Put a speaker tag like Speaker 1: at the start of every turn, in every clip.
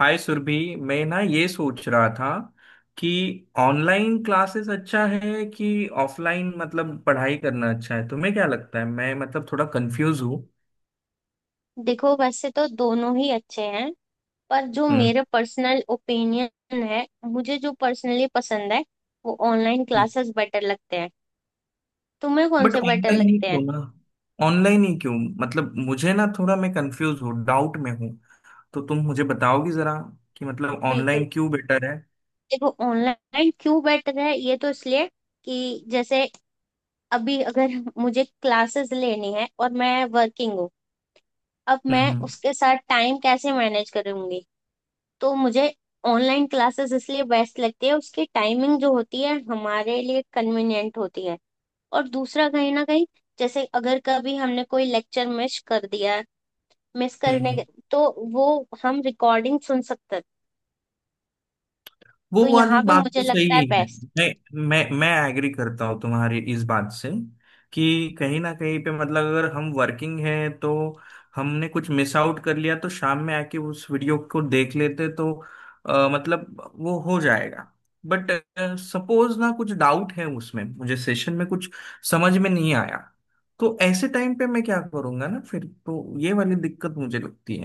Speaker 1: हाय सुरभि। मैं ना ये सोच रहा था कि ऑनलाइन क्लासेस अच्छा है कि ऑफलाइन मतलब पढ़ाई करना अच्छा है? तुम्हें क्या लगता है? मैं मतलब थोड़ा कंफ्यूज हूँ।
Speaker 2: देखो, वैसे तो दोनों ही अच्छे हैं। पर जो
Speaker 1: हम्म।
Speaker 2: मेरे पर्सनल ओपिनियन है, मुझे जो पर्सनली पसंद है वो ऑनलाइन क्लासेस बेटर लगते हैं। तुम्हें कौन
Speaker 1: बट
Speaker 2: से बेटर
Speaker 1: ऑनलाइन ही
Speaker 2: लगते हैं?
Speaker 1: क्यों ना? ऑनलाइन ही क्यों? मतलब मुझे ना थोड़ा मैं कंफ्यूज हूँ, डाउट में हूँ। तो तुम मुझे बताओगी जरा कि मतलब
Speaker 2: बिल्कुल।
Speaker 1: ऑनलाइन क्यों बेटर है?
Speaker 2: देखो, ऑनलाइन क्यों बेटर है, ये तो इसलिए कि जैसे अभी अगर मुझे क्लासेस लेनी है और मैं वर्किंग हूँ, अब मैं
Speaker 1: हम्म।
Speaker 2: उसके साथ टाइम कैसे मैनेज करूंगी। तो मुझे ऑनलाइन क्लासेस इसलिए बेस्ट लगती है, उसकी टाइमिंग जो होती है हमारे लिए कन्वीनियंट होती है। और दूसरा, कहीं ना कहीं जैसे अगर कभी हमने कोई लेक्चर मिस कर दिया है, मिस करने के
Speaker 1: हम्म।
Speaker 2: तो वो हम रिकॉर्डिंग सुन सकते हैं।
Speaker 1: वो
Speaker 2: तो
Speaker 1: वाली
Speaker 2: यहाँ पे
Speaker 1: बात
Speaker 2: मुझे
Speaker 1: तो
Speaker 2: लगता है
Speaker 1: सही है।
Speaker 2: बेस्ट।
Speaker 1: मैं मैं एग्री करता हूँ तुम्हारी इस बात से कि कहीं ना कहीं पे मतलब अगर हम वर्किंग है तो हमने कुछ मिस आउट कर लिया तो शाम में आके उस वीडियो को देख लेते तो मतलब वो हो जाएगा। बट सपोज ना कुछ डाउट है, उसमें मुझे सेशन में कुछ समझ में नहीं आया, तो ऐसे टाइम पे मैं क्या करूंगा ना? फिर तो ये वाली दिक्कत मुझे लगती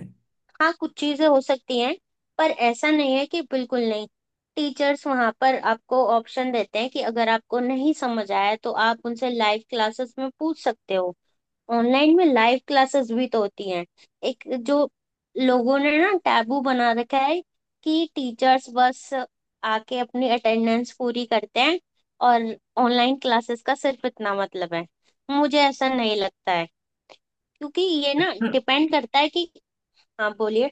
Speaker 2: हाँ, कुछ चीजें हो सकती हैं पर ऐसा नहीं है कि बिल्कुल नहीं। टीचर्स वहाँ पर आपको ऑप्शन देते हैं कि अगर आपको नहीं समझ आया तो आप उनसे लाइव क्लासेस में पूछ सकते हो। ऑनलाइन में लाइव क्लासेस भी तो होती हैं। एक जो लोगों ने ना टैबू बना रखा है कि टीचर्स बस आके अपनी अटेंडेंस पूरी करते हैं और ऑनलाइन क्लासेस का सिर्फ इतना मतलब है, मुझे ऐसा नहीं लगता है। क्योंकि ये ना
Speaker 1: है।
Speaker 2: डिपेंड करता है कि। हाँ बोलिए।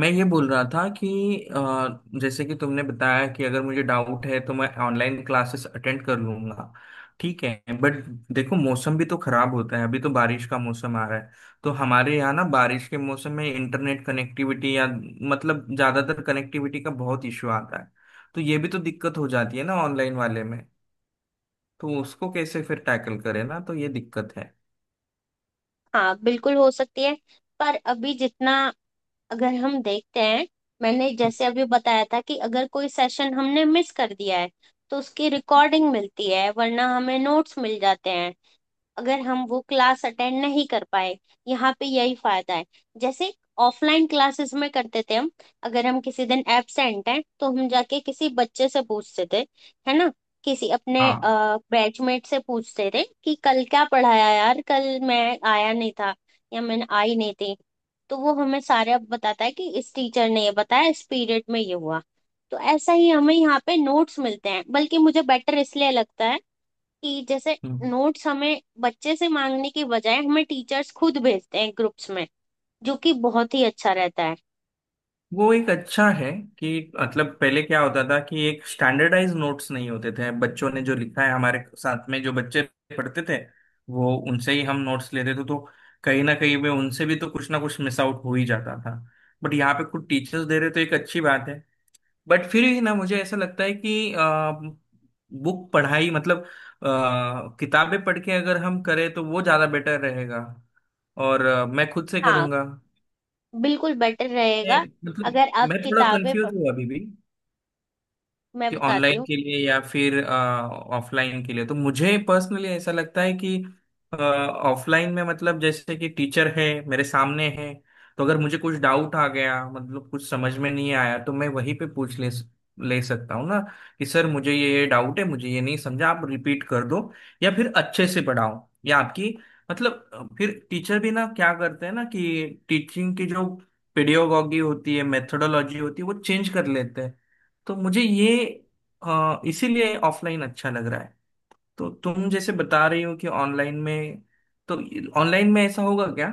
Speaker 1: मैं ये बोल रहा था कि जैसे कि तुमने बताया कि अगर मुझे डाउट है तो मैं ऑनलाइन क्लासेस अटेंड कर लूंगा, ठीक है। बट देखो मौसम भी तो खराब होता है, अभी तो बारिश का मौसम आ रहा है। तो हमारे यहाँ ना बारिश के मौसम में इंटरनेट कनेक्टिविटी या मतलब ज़्यादातर कनेक्टिविटी का बहुत इशू आता है। तो ये भी तो दिक्कत हो जाती है ना ऑनलाइन वाले में? तो उसको कैसे फिर टैकल करें ना, तो ये दिक्कत है।
Speaker 2: हाँ, बिल्कुल हो सकती है। पर अभी जितना अगर हम देखते हैं, मैंने जैसे अभी बताया था कि अगर कोई सेशन हमने मिस कर दिया है तो उसकी रिकॉर्डिंग मिलती है, वरना हमें नोट्स मिल जाते हैं अगर हम वो क्लास अटेंड नहीं कर पाए। यहाँ पे यही फायदा है। जैसे ऑफलाइन क्लासेस में करते थे हम, अगर हम किसी दिन एब्सेंट हैं तो हम जाके किसी बच्चे से पूछते थे, है ना, किसी अपने
Speaker 1: हाँ,
Speaker 2: बैचमेट से पूछते थे कि कल क्या पढ़ाया यार, कल मैं आया नहीं था या मैंने आई नहीं थी। तो वो हमें सारे अब बताता है कि इस टीचर ने ये बताया, इस पीरियड में ये हुआ। तो ऐसा ही हमें यहाँ पे नोट्स मिलते हैं, बल्कि मुझे बेटर इसलिए लगता है कि जैसे नोट्स हमें बच्चे से मांगने के बजाय हमें टीचर्स खुद भेजते हैं ग्रुप्स में, जो कि बहुत ही अच्छा रहता है।
Speaker 1: वो एक अच्छा है कि मतलब पहले क्या होता था कि एक स्टैंडर्डाइज नोट्स नहीं होते थे, बच्चों ने जो लिखा है हमारे साथ में जो बच्चे पढ़ते थे वो उनसे ही हम नोट्स लेते थे, तो कहीं ना कहीं में उनसे भी तो कुछ ना कुछ मिस आउट हो ही जाता था। बट यहाँ पे खुद टीचर्स दे रहे तो एक अच्छी बात है। बट फिर भी ना मुझे ऐसा लगता है कि बुक पढ़ाई मतलब किताबें पढ़ के अगर हम करें तो वो ज़्यादा बेटर रहेगा। और मैं खुद से
Speaker 2: हाँ,
Speaker 1: करूँगा।
Speaker 2: बिल्कुल बेटर रहेगा
Speaker 1: मतलब
Speaker 2: अगर आप
Speaker 1: मैं थोड़ा
Speaker 2: किताबें
Speaker 1: कंफ्यूज
Speaker 2: पढ़।
Speaker 1: हूँ अभी भी
Speaker 2: मैं
Speaker 1: कि
Speaker 2: बताती
Speaker 1: ऑनलाइन
Speaker 2: हूँ।
Speaker 1: के लिए या फिर ऑफलाइन के लिए। तो मुझे पर्सनली ऐसा लगता है कि ऑफलाइन में मतलब जैसे कि टीचर है, मेरे सामने है, तो अगर मुझे कुछ डाउट आ गया मतलब कुछ समझ में नहीं आया तो मैं वहीं पे पूछ ले ले सकता हूँ ना? कि सर मुझे ये डाउट है, मुझे ये नहीं समझा, आप रिपीट कर दो या फिर अच्छे से पढ़ाओ। या आपकी मतलब फिर टीचर भी ना क्या करते हैं ना कि टीचिंग की जो पेडियोलॉजी होती है, मेथोडोलॉजी होती है वो चेंज कर लेते हैं। तो मुझे ये इसीलिए ऑफलाइन अच्छा लग रहा है। तो तुम जैसे बता रही हो कि ऑनलाइन में, तो ऑनलाइन में ऐसा होगा क्या?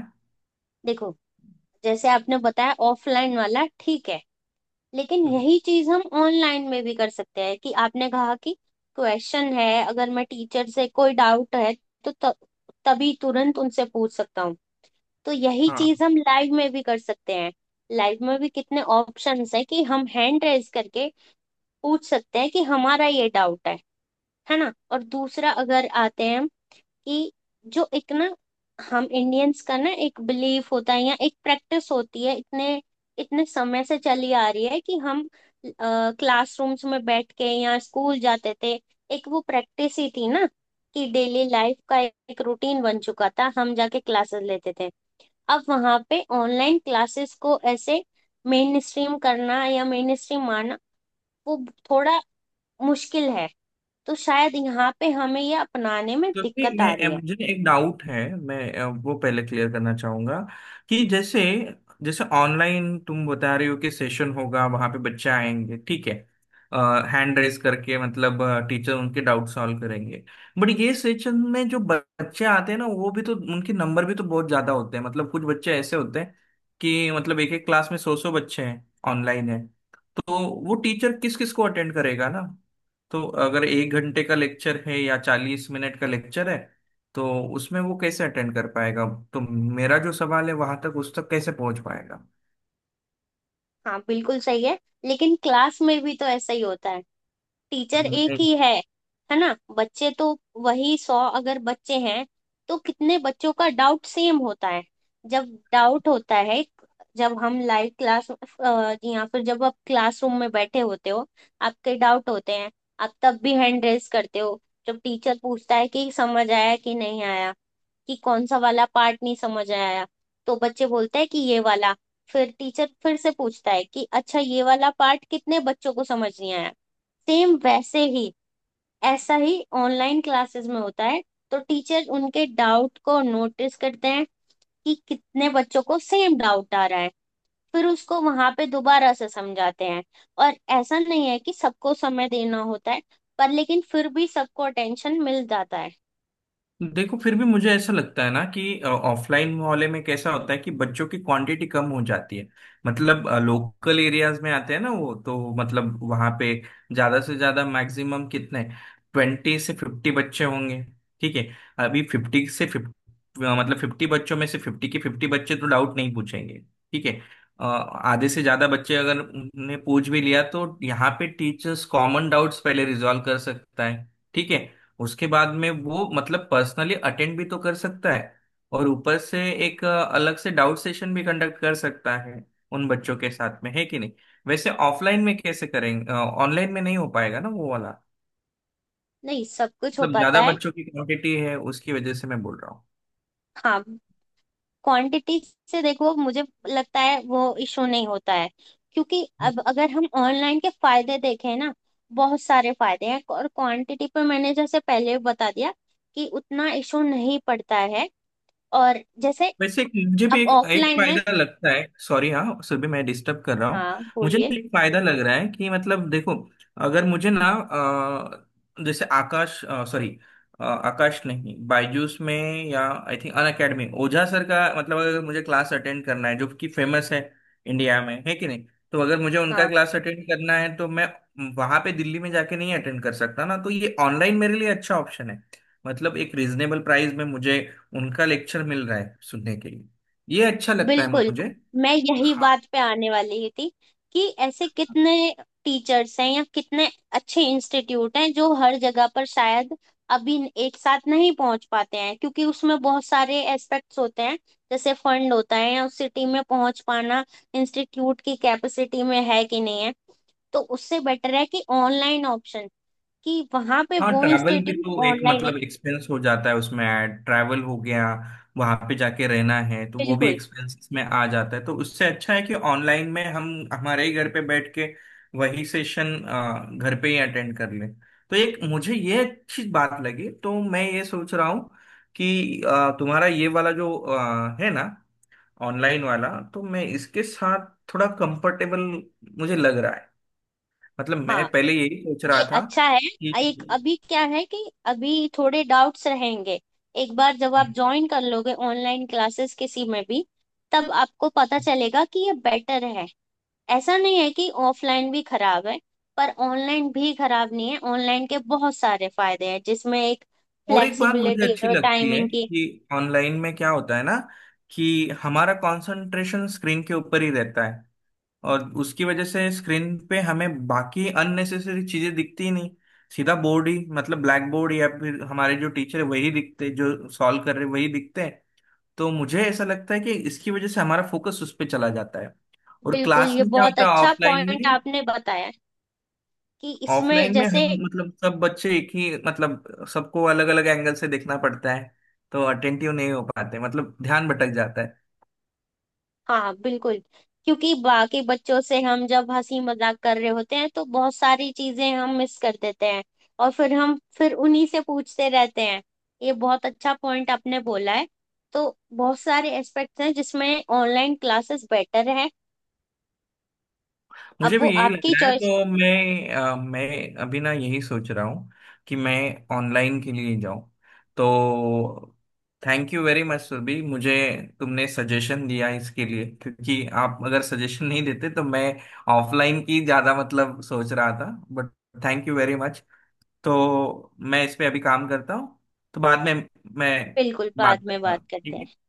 Speaker 2: देखो, जैसे आपने बताया ऑफलाइन वाला ठीक है, लेकिन
Speaker 1: हम्म।
Speaker 2: यही चीज हम ऑनलाइन में भी कर सकते हैं। कि आपने कहा कि क्वेश्चन है, अगर मैं टीचर से कोई डाउट है तो तभी तुरंत उनसे पूछ सकता हूँ। तो यही चीज
Speaker 1: हाँ।
Speaker 2: हम लाइव में भी कर सकते हैं। लाइव में भी कितने ऑप्शंस हैं कि हम हैंड रेज करके पूछ सकते हैं कि हमारा ये डाउट है ना। और दूसरा अगर आते हैं हम कि जो एक ना, हम इंडियंस का ना एक बिलीव होता है या एक प्रैक्टिस होती है, इतने इतने समय से चली आ रही है कि हम क्लासरूम्स में बैठ के या स्कूल जाते थे। एक वो प्रैक्टिस ही थी ना, कि डेली लाइफ का एक रूटीन बन चुका था, हम जाके क्लासेस लेते थे। अब वहां पे ऑनलाइन क्लासेस को ऐसे मेन स्ट्रीम करना या मेन स्ट्रीम मानना वो थोड़ा मुश्किल है। तो शायद यहाँ पे हमें ये अपनाने में
Speaker 1: क्योंकि
Speaker 2: दिक्कत आ
Speaker 1: मैं
Speaker 2: रही है।
Speaker 1: मुझे एक डाउट है, मैं वो पहले क्लियर करना चाहूंगा कि जैसे जैसे ऑनलाइन तुम बता रहे हो कि सेशन होगा वहां पे बच्चे आएंगे, ठीक है, हैंड रेस करके मतलब टीचर उनके डाउट सॉल्व करेंगे। बट ये सेशन में जो बच्चे आते हैं ना वो भी तो उनके नंबर भी तो बहुत ज्यादा होते हैं, मतलब कुछ बच्चे ऐसे होते हैं कि मतलब एक एक क्लास में सौ सौ बच्चे हैं, ऑनलाइन है। तो वो टीचर किस किस को अटेंड करेगा ना? तो अगर एक घंटे का लेक्चर है या 40 मिनट का लेक्चर है तो उसमें वो कैसे अटेंड कर पाएगा? तो मेरा जो सवाल है वहां तक, उस तक कैसे पहुंच पाएगा?
Speaker 2: हाँ, बिल्कुल सही है, लेकिन क्लास में भी तो ऐसा ही होता है। टीचर एक ही है ना, बच्चे तो वही 100 अगर बच्चे हैं, तो कितने बच्चों का डाउट सेम होता है। जब डाउट होता है, जब हम लाइव क्लास या फिर जब आप क्लासरूम में बैठे होते हो, आपके डाउट होते हैं, आप तब भी हैंड रेज करते हो। जब टीचर पूछता है कि समझ आया कि नहीं आया, कि कौन सा वाला पार्ट नहीं समझ आया, तो बच्चे बोलते हैं कि ये वाला। फिर टीचर फिर से पूछता है कि अच्छा, ये वाला पार्ट कितने बच्चों को समझ नहीं आया। सेम वैसे ही, ऐसा ही ऑनलाइन क्लासेस में होता है। तो टीचर उनके डाउट को नोटिस करते हैं कि कितने बच्चों को सेम डाउट आ रहा है, फिर उसको वहां पे दोबारा से समझाते हैं। और ऐसा नहीं है कि सबको समय देना होता है, पर लेकिन फिर भी सबको अटेंशन मिल जाता है।
Speaker 1: देखो फिर भी मुझे ऐसा लगता है ना कि ऑफलाइन मोहल्ले में कैसा होता है कि बच्चों की क्वांटिटी कम हो जाती है। मतलब लोकल एरियाज में आते हैं ना वो तो, मतलब वहां पे ज्यादा से ज्यादा मैक्सिमम कितने, 20 से 50 बच्चे होंगे, ठीक है। अभी 50 से 50 मतलब 50 बच्चों में से 50 के 50 बच्चे तो डाउट नहीं पूछेंगे, ठीक है। आधे से ज्यादा बच्चे अगर उन्हें पूछ भी लिया तो यहाँ पे टीचर्स कॉमन डाउट्स पहले रिजॉल्व कर सकता है, ठीक है। उसके बाद में वो मतलब पर्सनली अटेंड भी तो कर सकता है। और ऊपर से एक अलग से डाउट सेशन भी कंडक्ट कर सकता है उन बच्चों के साथ में, है कि नहीं? वैसे ऑफलाइन में कैसे करेंगे, ऑनलाइन में नहीं हो पाएगा ना वो वाला?
Speaker 2: नहीं, सब कुछ हो
Speaker 1: मतलब
Speaker 2: पाता
Speaker 1: ज्यादा
Speaker 2: है।
Speaker 1: बच्चों की क्वांटिटी है, उसकी वजह से मैं बोल रहा हूँ।
Speaker 2: हाँ, क्वांटिटी से देखो, मुझे लगता है वो इशू नहीं होता है, क्योंकि अब अगर हम ऑनलाइन के फायदे देखें ना, बहुत सारे फायदे हैं। और क्वांटिटी पर मैंने जैसे पहले भी बता दिया कि उतना इशू नहीं पड़ता है। और जैसे
Speaker 1: वैसे एक मुझे भी
Speaker 2: अब
Speaker 1: एक एक
Speaker 2: ऑफलाइन में।
Speaker 1: फायदा लगता है। सॉरी, हाँ, सुबह मैं डिस्टर्ब कर रहा हूँ।
Speaker 2: हाँ
Speaker 1: मुझे
Speaker 2: बोलिए।
Speaker 1: ना एक फायदा लग रहा है कि मतलब देखो, अगर मुझे ना जैसे आकाश, सॉरी आकाश नहीं, बायजूस में, या I think Unacademy, Ojha sir का, मतलब अगर मुझे क्लास अटेंड करना है, जो कि फेमस है इंडिया में, है कि नहीं? तो अगर मुझे उनका
Speaker 2: हाँ,
Speaker 1: क्लास अटेंड करना है तो मैं वहां पे दिल्ली में जाके नहीं अटेंड कर सकता ना, तो ये ऑनलाइन मेरे लिए अच्छा ऑप्शन है। मतलब एक रीजनेबल प्राइस में मुझे उनका लेक्चर मिल रहा है सुनने के लिए, ये अच्छा लगता है
Speaker 2: बिल्कुल,
Speaker 1: मुझे।
Speaker 2: मैं यही
Speaker 1: हाँ।
Speaker 2: बात पे आने वाली ही थी। कि ऐसे कितने टीचर्स हैं या कितने अच्छे इंस्टीट्यूट हैं जो हर जगह पर शायद अभी एक साथ नहीं पहुंच पाते हैं, क्योंकि उसमें बहुत सारे एस्पेक्ट्स होते हैं। जैसे फंड होता है, या उस सिटी में पहुंच पाना, इंस्टीट्यूट की कैपेसिटी में है कि नहीं है। तो उससे बेटर है कि ऑनलाइन ऑप्शन, कि वहां पे
Speaker 1: हाँ,
Speaker 2: वो
Speaker 1: ट्रैवल भी
Speaker 2: इंस्टीट्यूट
Speaker 1: तो एक
Speaker 2: ऑनलाइन।
Speaker 1: मतलब एक्सपेंस हो जाता है, उसमें ऐड ट्रैवल हो गया, वहां पे जाके रहना है तो वो भी
Speaker 2: बिल्कुल।
Speaker 1: एक्सपेंसेस में आ जाता है। तो उससे अच्छा है कि ऑनलाइन में हम हमारे ही घर पे बैठ के वही सेशन घर पे ही अटेंड कर लें। तो एक मुझे ये अच्छी बात लगी, तो मैं ये सोच रहा हूँ कि तुम्हारा ये वाला जो है ना, ऑनलाइन वाला, तो मैं इसके साथ थोड़ा कंफर्टेबल मुझे लग रहा है। मतलब मैं
Speaker 2: हाँ,
Speaker 1: पहले यही सोच रहा
Speaker 2: ये
Speaker 1: था
Speaker 2: अच्छा है।
Speaker 1: कि।
Speaker 2: एक अभी क्या है कि अभी थोड़े डाउट्स रहेंगे। एक बार जब आप ज्वाइन कर लोगे ऑनलाइन क्लासेस किसी में भी, तब आपको पता चलेगा कि ये बेटर है। ऐसा नहीं है कि ऑफलाइन भी खराब है, पर ऑनलाइन भी खराब नहीं है। ऑनलाइन के बहुत सारे फायदे हैं, जिसमें एक
Speaker 1: और एक बात मुझे
Speaker 2: फ्लेक्सिबिलिटी
Speaker 1: अच्छी
Speaker 2: और
Speaker 1: लगती है
Speaker 2: टाइमिंग की।
Speaker 1: कि ऑनलाइन में क्या होता है ना कि हमारा कंसंट्रेशन स्क्रीन के ऊपर ही रहता है। और उसकी वजह से स्क्रीन पे हमें बाकी अननेसेसरी चीजें दिखती ही नहीं, सीधा बोर्ड ही मतलब ब्लैक बोर्ड या फिर हमारे जो टीचर है वही दिखते, जो सॉल्व कर रहे वही दिखते। तो मुझे ऐसा लगता है कि इसकी वजह से हमारा फोकस उस पर चला जाता है। और
Speaker 2: बिल्कुल,
Speaker 1: क्लास
Speaker 2: ये
Speaker 1: में क्या
Speaker 2: बहुत
Speaker 1: होता है
Speaker 2: अच्छा
Speaker 1: ऑफलाइन
Speaker 2: पॉइंट
Speaker 1: में?
Speaker 2: आपने बताया कि इसमें
Speaker 1: ऑफलाइन में
Speaker 2: जैसे।
Speaker 1: हम मतलब सब बच्चे एक ही मतलब सबको अलग अलग एंगल से देखना पड़ता है, तो अटेंटिव नहीं हो पाते, मतलब ध्यान भटक जाता है।
Speaker 2: हाँ, बिल्कुल, क्योंकि बाकी बच्चों से हम जब हंसी मजाक कर रहे होते हैं तो बहुत सारी चीजें हम मिस कर देते हैं, और फिर हम फिर उन्हीं से पूछते रहते हैं। ये बहुत अच्छा पॉइंट आपने बोला है। तो बहुत सारे एस्पेक्ट्स हैं जिसमें ऑनलाइन क्लासेस बेटर है। अब
Speaker 1: मुझे
Speaker 2: वो
Speaker 1: भी यही लग
Speaker 2: आपकी
Speaker 1: रहा है,
Speaker 2: चॉइस।
Speaker 1: तो मैं मैं अभी ना यही सोच रहा हूँ कि मैं ऑनलाइन के लिए जाऊँ। तो thank you very much Surabhi. मुझे तुमने सजेशन दिया इसके लिए, क्योंकि आप अगर सजेशन नहीं देते तो मैं ऑफलाइन की ज़्यादा मतलब सोच रहा था। But thank you very much. तो मैं इस पे अभी काम करता हूँ, तो बाद में मैं
Speaker 2: बिल्कुल, बाद
Speaker 1: बात
Speaker 2: में
Speaker 1: करता
Speaker 2: बात
Speaker 1: हूँ,
Speaker 2: करते
Speaker 1: ठीक
Speaker 2: हैं।
Speaker 1: है।